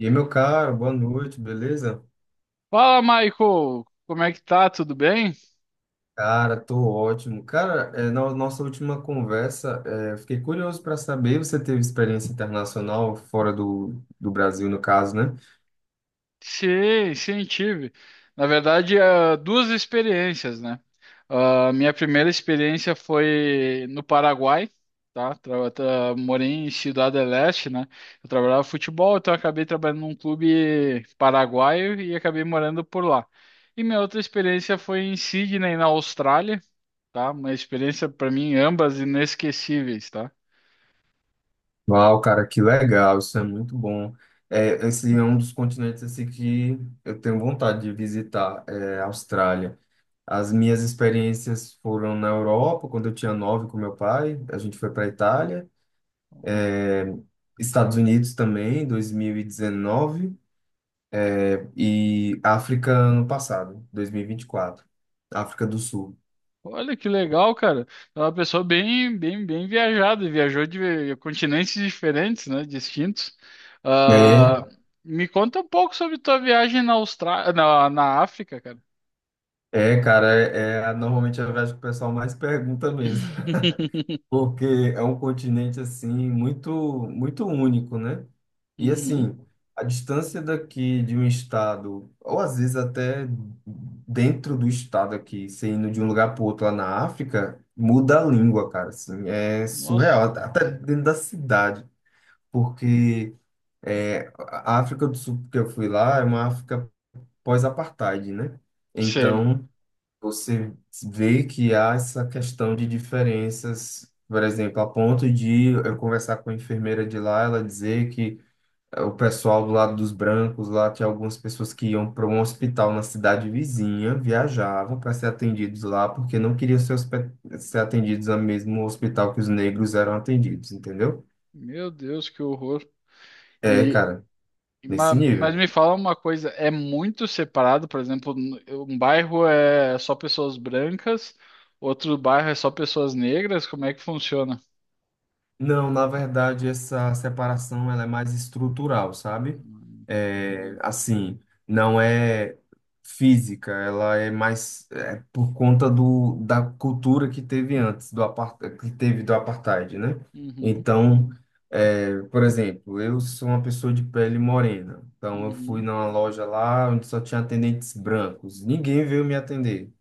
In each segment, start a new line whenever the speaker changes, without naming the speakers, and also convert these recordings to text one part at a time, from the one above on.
E aí, meu caro, boa noite, beleza?
Fala, Michael! Como é que tá? Tudo bem?
Cara, tô ótimo. Cara, na nossa última conversa, eu fiquei curioso para saber, você teve experiência internacional fora do Brasil, no caso, né?
Sim, tive. Na verdade, duas experiências, né? A minha primeira experiência foi no Paraguai, tá? Morei em Ciudad del Este, né? Eu trabalhava futebol, então eu acabei trabalhando num clube paraguaio e acabei morando por lá. E minha outra experiência foi em Sydney, na Austrália, tá? Uma experiência, para mim, ambas inesquecíveis, tá?
Uau, cara, que legal, isso é muito bom. É, esse é um dos continentes assim, que eu tenho vontade de visitar, é a Austrália. As minhas experiências foram na Europa, quando eu tinha nove com meu pai, a gente foi para Itália. é, Estados Unidos também, 2019. E África ano passado, 2024, África do Sul.
Olha que legal, cara. É uma pessoa bem viajada. Viajou de continentes diferentes, né? Distintos.
É,
Ah, Me conta um pouco sobre tua viagem na Austrália, na África, cara.
cara, é normalmente a viagem que o pessoal mais pergunta mesmo, porque é um continente assim muito único, né? E
Uhum.
assim, a distância daqui de um estado, ou às vezes até dentro do estado aqui, você indo de um lugar para outro lá na África, muda a língua, cara, assim, é
Nossa,
surreal, até dentro da cidade, porque é, a África do Sul que eu fui lá é uma África pós-apartheid, né?
sei.
Então, você vê que há essa questão de diferenças, por exemplo, a ponto de eu conversar com a enfermeira de lá, ela dizer que o pessoal do lado dos brancos lá tinha algumas pessoas que iam para um hospital na cidade vizinha, viajavam para ser atendidos lá, porque não queriam ser, ser atendidos no mesmo hospital que os negros eram atendidos, entendeu?
Meu Deus, que horror.
É,
E
cara, nesse
mas
nível.
me fala uma coisa, é muito separado, por exemplo, um bairro é só pessoas brancas, outro bairro é só pessoas negras, como é que funciona?
Não, na verdade, essa separação ela é mais estrutural, sabe?
Hum,
É,
entendi.
assim, não é física, ela é mais é, por conta da cultura que teve antes, que teve do apartheid, né?
Uhum,
Então, é, por exemplo, eu sou uma pessoa de pele morena, então eu fui
uhum.
numa loja lá onde só tinha atendentes brancos, ninguém veio me atender,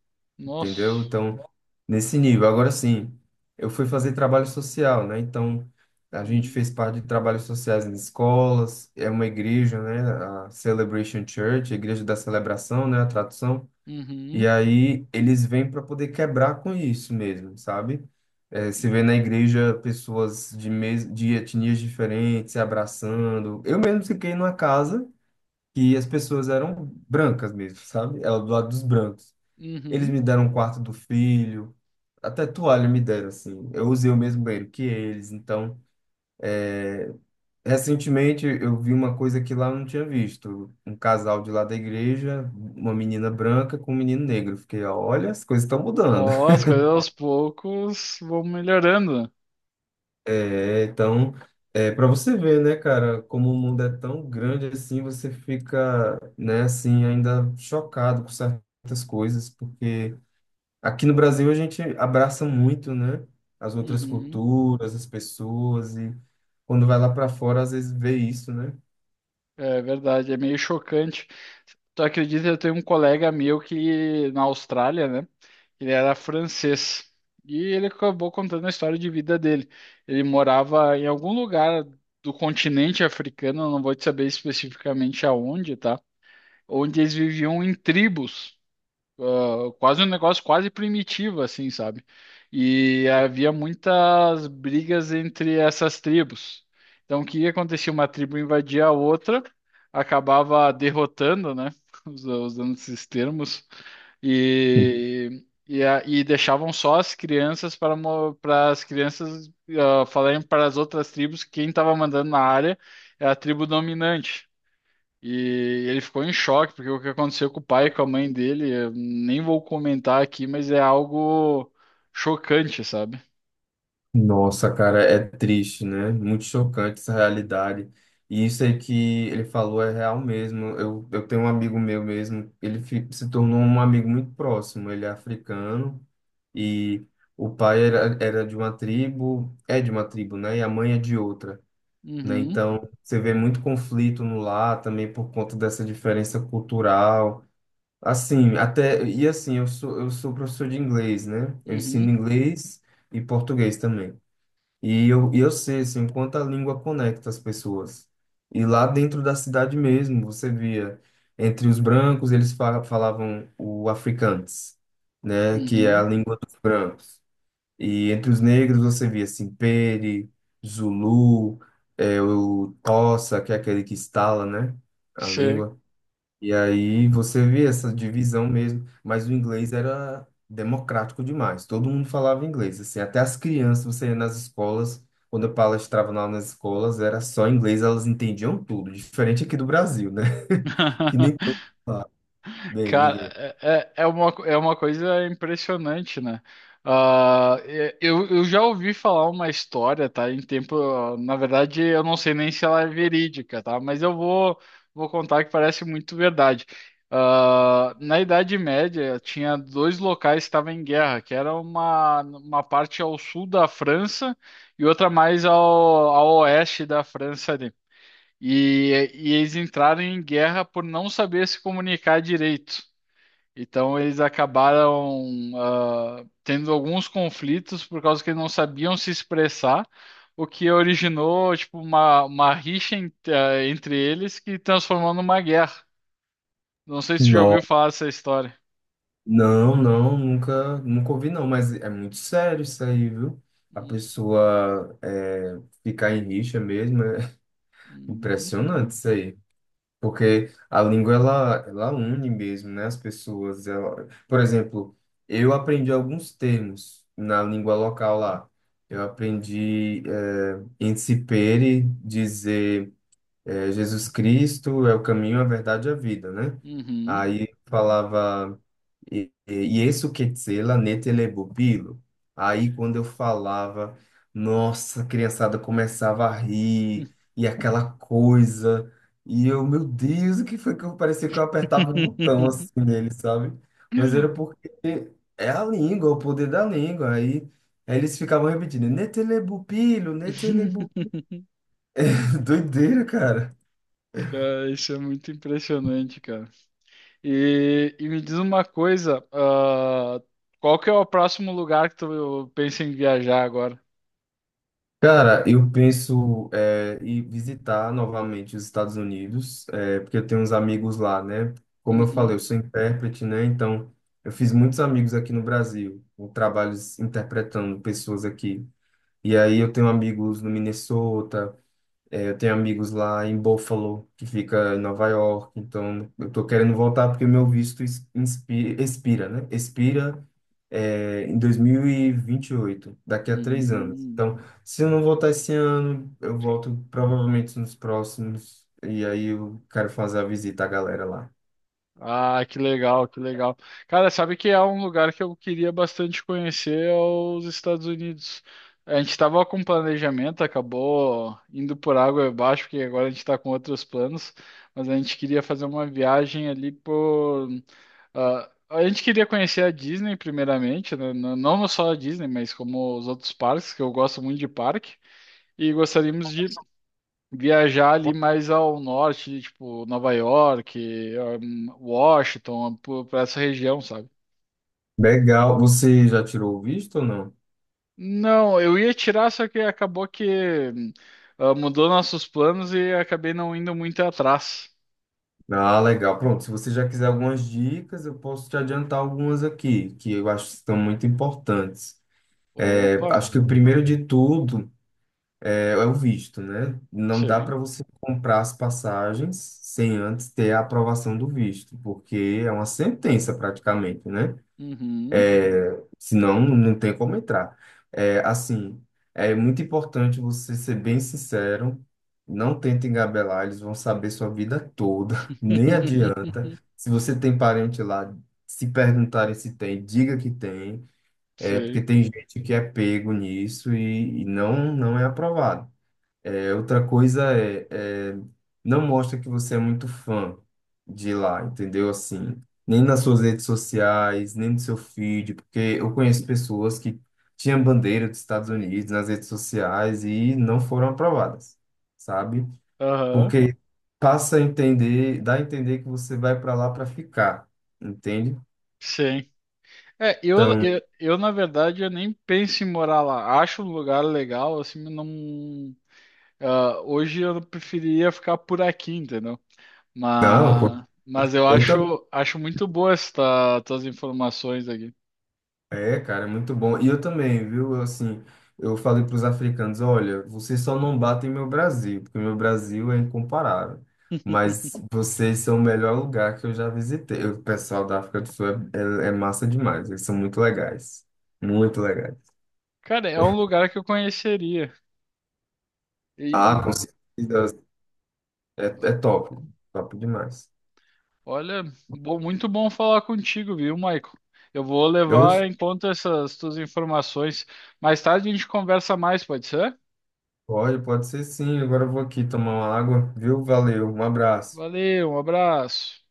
entendeu?
Nossa.
Então, nesse nível. Agora sim, eu fui fazer trabalho social, né? Então, a gente
Uhum,
fez parte de trabalhos sociais em escolas, é uma igreja, né? A Celebration Church, a Igreja da Celebração, né? A tradução.
uhum,
E aí, eles vêm para poder quebrar com isso mesmo, sabe? É, se vê na igreja pessoas de, mes... de etnias diferentes se abraçando. Eu mesmo fiquei numa casa que as pessoas eram brancas mesmo, sabe? Era do lado dos brancos. Eles
uhum.
me deram um quarto do filho, até toalha me deram, assim. Eu usei o mesmo banheiro que eles. Então, recentemente eu vi uma coisa que lá eu não tinha visto. Um casal de lá da igreja, uma menina branca com um menino negro. Eu fiquei, olha, as coisas estão mudando.
Ó, as coisas aos poucos vão melhorando.
É, então, é para você ver, né, cara, como o mundo é tão grande assim, você fica, né, assim, ainda chocado com certas coisas, porque aqui no Brasil a gente abraça muito, né? As outras
Uhum.
culturas, as pessoas e quando vai lá para fora às vezes vê isso, né?
É verdade, é meio chocante. Tu acredita, eu tenho um colega meu que na Austrália, né? Ele era francês. E ele acabou contando a história de vida dele. Ele morava em algum lugar do continente africano, eu não vou te saber especificamente aonde, tá? Onde eles viviam em tribos. Quase um negócio quase primitivo, assim, sabe? E havia muitas brigas entre essas tribos. Então, o que acontecia? Uma tribo invadia a outra, acabava derrotando, né? Usando esses termos, e deixavam só as crianças para, para as crianças falarem para as outras tribos que quem estava mandando na área é a tribo dominante. E ele ficou em choque, porque o que aconteceu com o pai e com a mãe dele, eu nem vou comentar aqui, mas é algo chocante, sabe?
Nossa, cara, é triste, né? Muito chocante essa realidade. E isso aí que ele falou é real mesmo. Eu tenho um amigo meu mesmo, se tornou um amigo muito próximo. Ele é africano e o pai era de uma tribo, é de uma tribo, né? E a mãe é de outra. Né?
Uhum,
Então, você vê muito conflito no lar também por conta dessa diferença cultural. Assim, até e assim, eu sou professor de inglês, né? Eu
uhum,
ensino inglês e português também. E eu sei, assim, o quanto a língua conecta as pessoas. E lá dentro da cidade mesmo, você via entre os brancos, falavam o afrikaans, né, que é a
uhum.
língua dos brancos. E entre os negros você via Simpere, Zulu, o Tossa, que é aquele que estala, né, a
Sim.
língua. E aí você via essa divisão mesmo, mas o inglês era democrático demais. Todo mundo falava inglês, assim, até as crianças, você ia nas escolas, quando eu palestrava lá nas escolas, era só inglês, elas entendiam tudo, diferente aqui do Brasil, né? Que nem todo mundo fala bem o inglês.
Cara, é uma coisa impressionante, né? Eu já ouvi falar uma história, tá? Em tempo, na verdade, eu não sei nem se ela é verídica, tá? Mas eu vou contar que parece muito verdade. Ah, na Idade Média, tinha dois locais que estavam em guerra, que era uma parte ao sul da França e outra mais ao oeste da França ali. E eles entraram em guerra por não saber se comunicar direito. Então eles acabaram tendo alguns conflitos por causa que eles não sabiam se expressar, o que originou tipo uma rixa entre eles que transformou numa guerra. Não sei se você já ouviu falar dessa história.
Não, nunca, nunca ouvi não, mas é muito sério isso aí, viu? A pessoa é, ficar em rixa mesmo, é
Uhum.
impressionante isso aí. Porque a língua, ela une mesmo, né? As pessoas, ela... Por exemplo, eu aprendi alguns termos na língua local lá. Eu aprendi é, incipere, dizer é, Jesus Cristo é o caminho, a verdade e a vida, né?
Uhum.
Aí falava... isso que tzela netelebubilo. Aí quando eu falava, nossa, a criançada começava a rir, e aquela coisa. E eu, meu Deus, o que foi que eu parecia que eu apertava um botão assim nele, sabe? Mas era porque é a língua, o poder da língua. Aí eles ficavam repetindo, netelebubilo, netelebubilo. Doideira, cara.
Cara, isso é muito impressionante, cara. E me diz uma coisa, qual que é o próximo lugar que tu pensa em viajar agora?
Cara, eu penso é, em visitar novamente os Estados Unidos, é, porque eu tenho uns amigos lá, né? Como eu falei,
Uhum.
eu sou intérprete, né? Então, eu fiz muitos amigos aqui no Brasil, eu trabalho interpretando pessoas aqui. E aí eu tenho amigos no Minnesota, é, eu tenho amigos lá em Buffalo, que fica em Nova York, então eu tô querendo voltar porque o meu visto expira, né? Expira, é, em 2028, daqui a 3 anos.
Hum.
Então, se eu não voltar esse ano, eu volto provavelmente nos próximos, e aí eu quero fazer a visita à galera lá.
Ah, que legal, que legal. Cara, sabe que é um lugar que eu queria bastante conhecer é os Estados Unidos. A gente estava com planejamento, acabou indo por água abaixo, porque agora a gente está com outros planos, mas a gente queria fazer uma viagem ali por. A gente queria conhecer a Disney primeiramente, né? Não só a Disney, mas como os outros parques, que eu gosto muito de parque, e gostaríamos de viajar ali mais ao norte, tipo Nova York, Washington, pra essa região, sabe?
Legal, você já tirou o visto ou não?
Não, eu ia tirar, só que acabou que hum, mudou nossos planos e acabei não indo muito atrás.
Ah, legal. Pronto, se você já quiser algumas dicas, eu posso te adiantar algumas aqui, que eu acho que são muito importantes.
Opa,
Acho que o primeiro de tudo é o visto, né? Não dá
sim.
para você comprar as passagens sem antes ter a aprovação do visto, porque é uma sentença praticamente, né?
Uhum.
Senão não tem como entrar. É, assim, é muito importante você ser bem sincero, não tenta engabelar, eles vão saber sua vida toda, nem adianta. Se você tem parente lá, se perguntarem se tem, diga que tem. É porque
Sei.
tem gente que é pego nisso e não, não é aprovado. É, outra coisa é, não mostra que você é muito fã de lá, entendeu? Assim, nem nas suas redes sociais, nem no seu feed, porque eu conheço pessoas que tinham bandeira dos Estados Unidos nas redes sociais e não foram aprovadas, sabe?
Aham.
Porque dá a entender que você vai para lá para ficar, entende?
Sim. É,
Então,
na verdade, eu nem penso em morar lá. Acho um lugar legal, assim, mas não. Hoje eu preferiria ficar por aqui, entendeu?
não,
Mas eu
eu também.
acho muito boa esta, tuas informações aqui.
É, cara, é muito bom. E eu também, viu? Eu, assim, eu falei para os africanos, olha, vocês só não batem meu Brasil, porque meu Brasil é incomparável. Mas vocês são o melhor lugar que eu já visitei. O pessoal da África do Sul é, é massa demais. Eles são muito legais. Muito legais.
Cara, é um lugar que eu conheceria. E,
Ah,
e-
com certeza. É, é top. Top demais.
Olha, muito bom falar contigo, viu, Michael? Eu vou
Eu,
levar em conta essas tuas informações. Mais tarde a gente conversa mais, pode ser?
pode, pode ser sim. Agora eu vou aqui tomar uma água, viu? Valeu, um abraço.
Valeu, um abraço.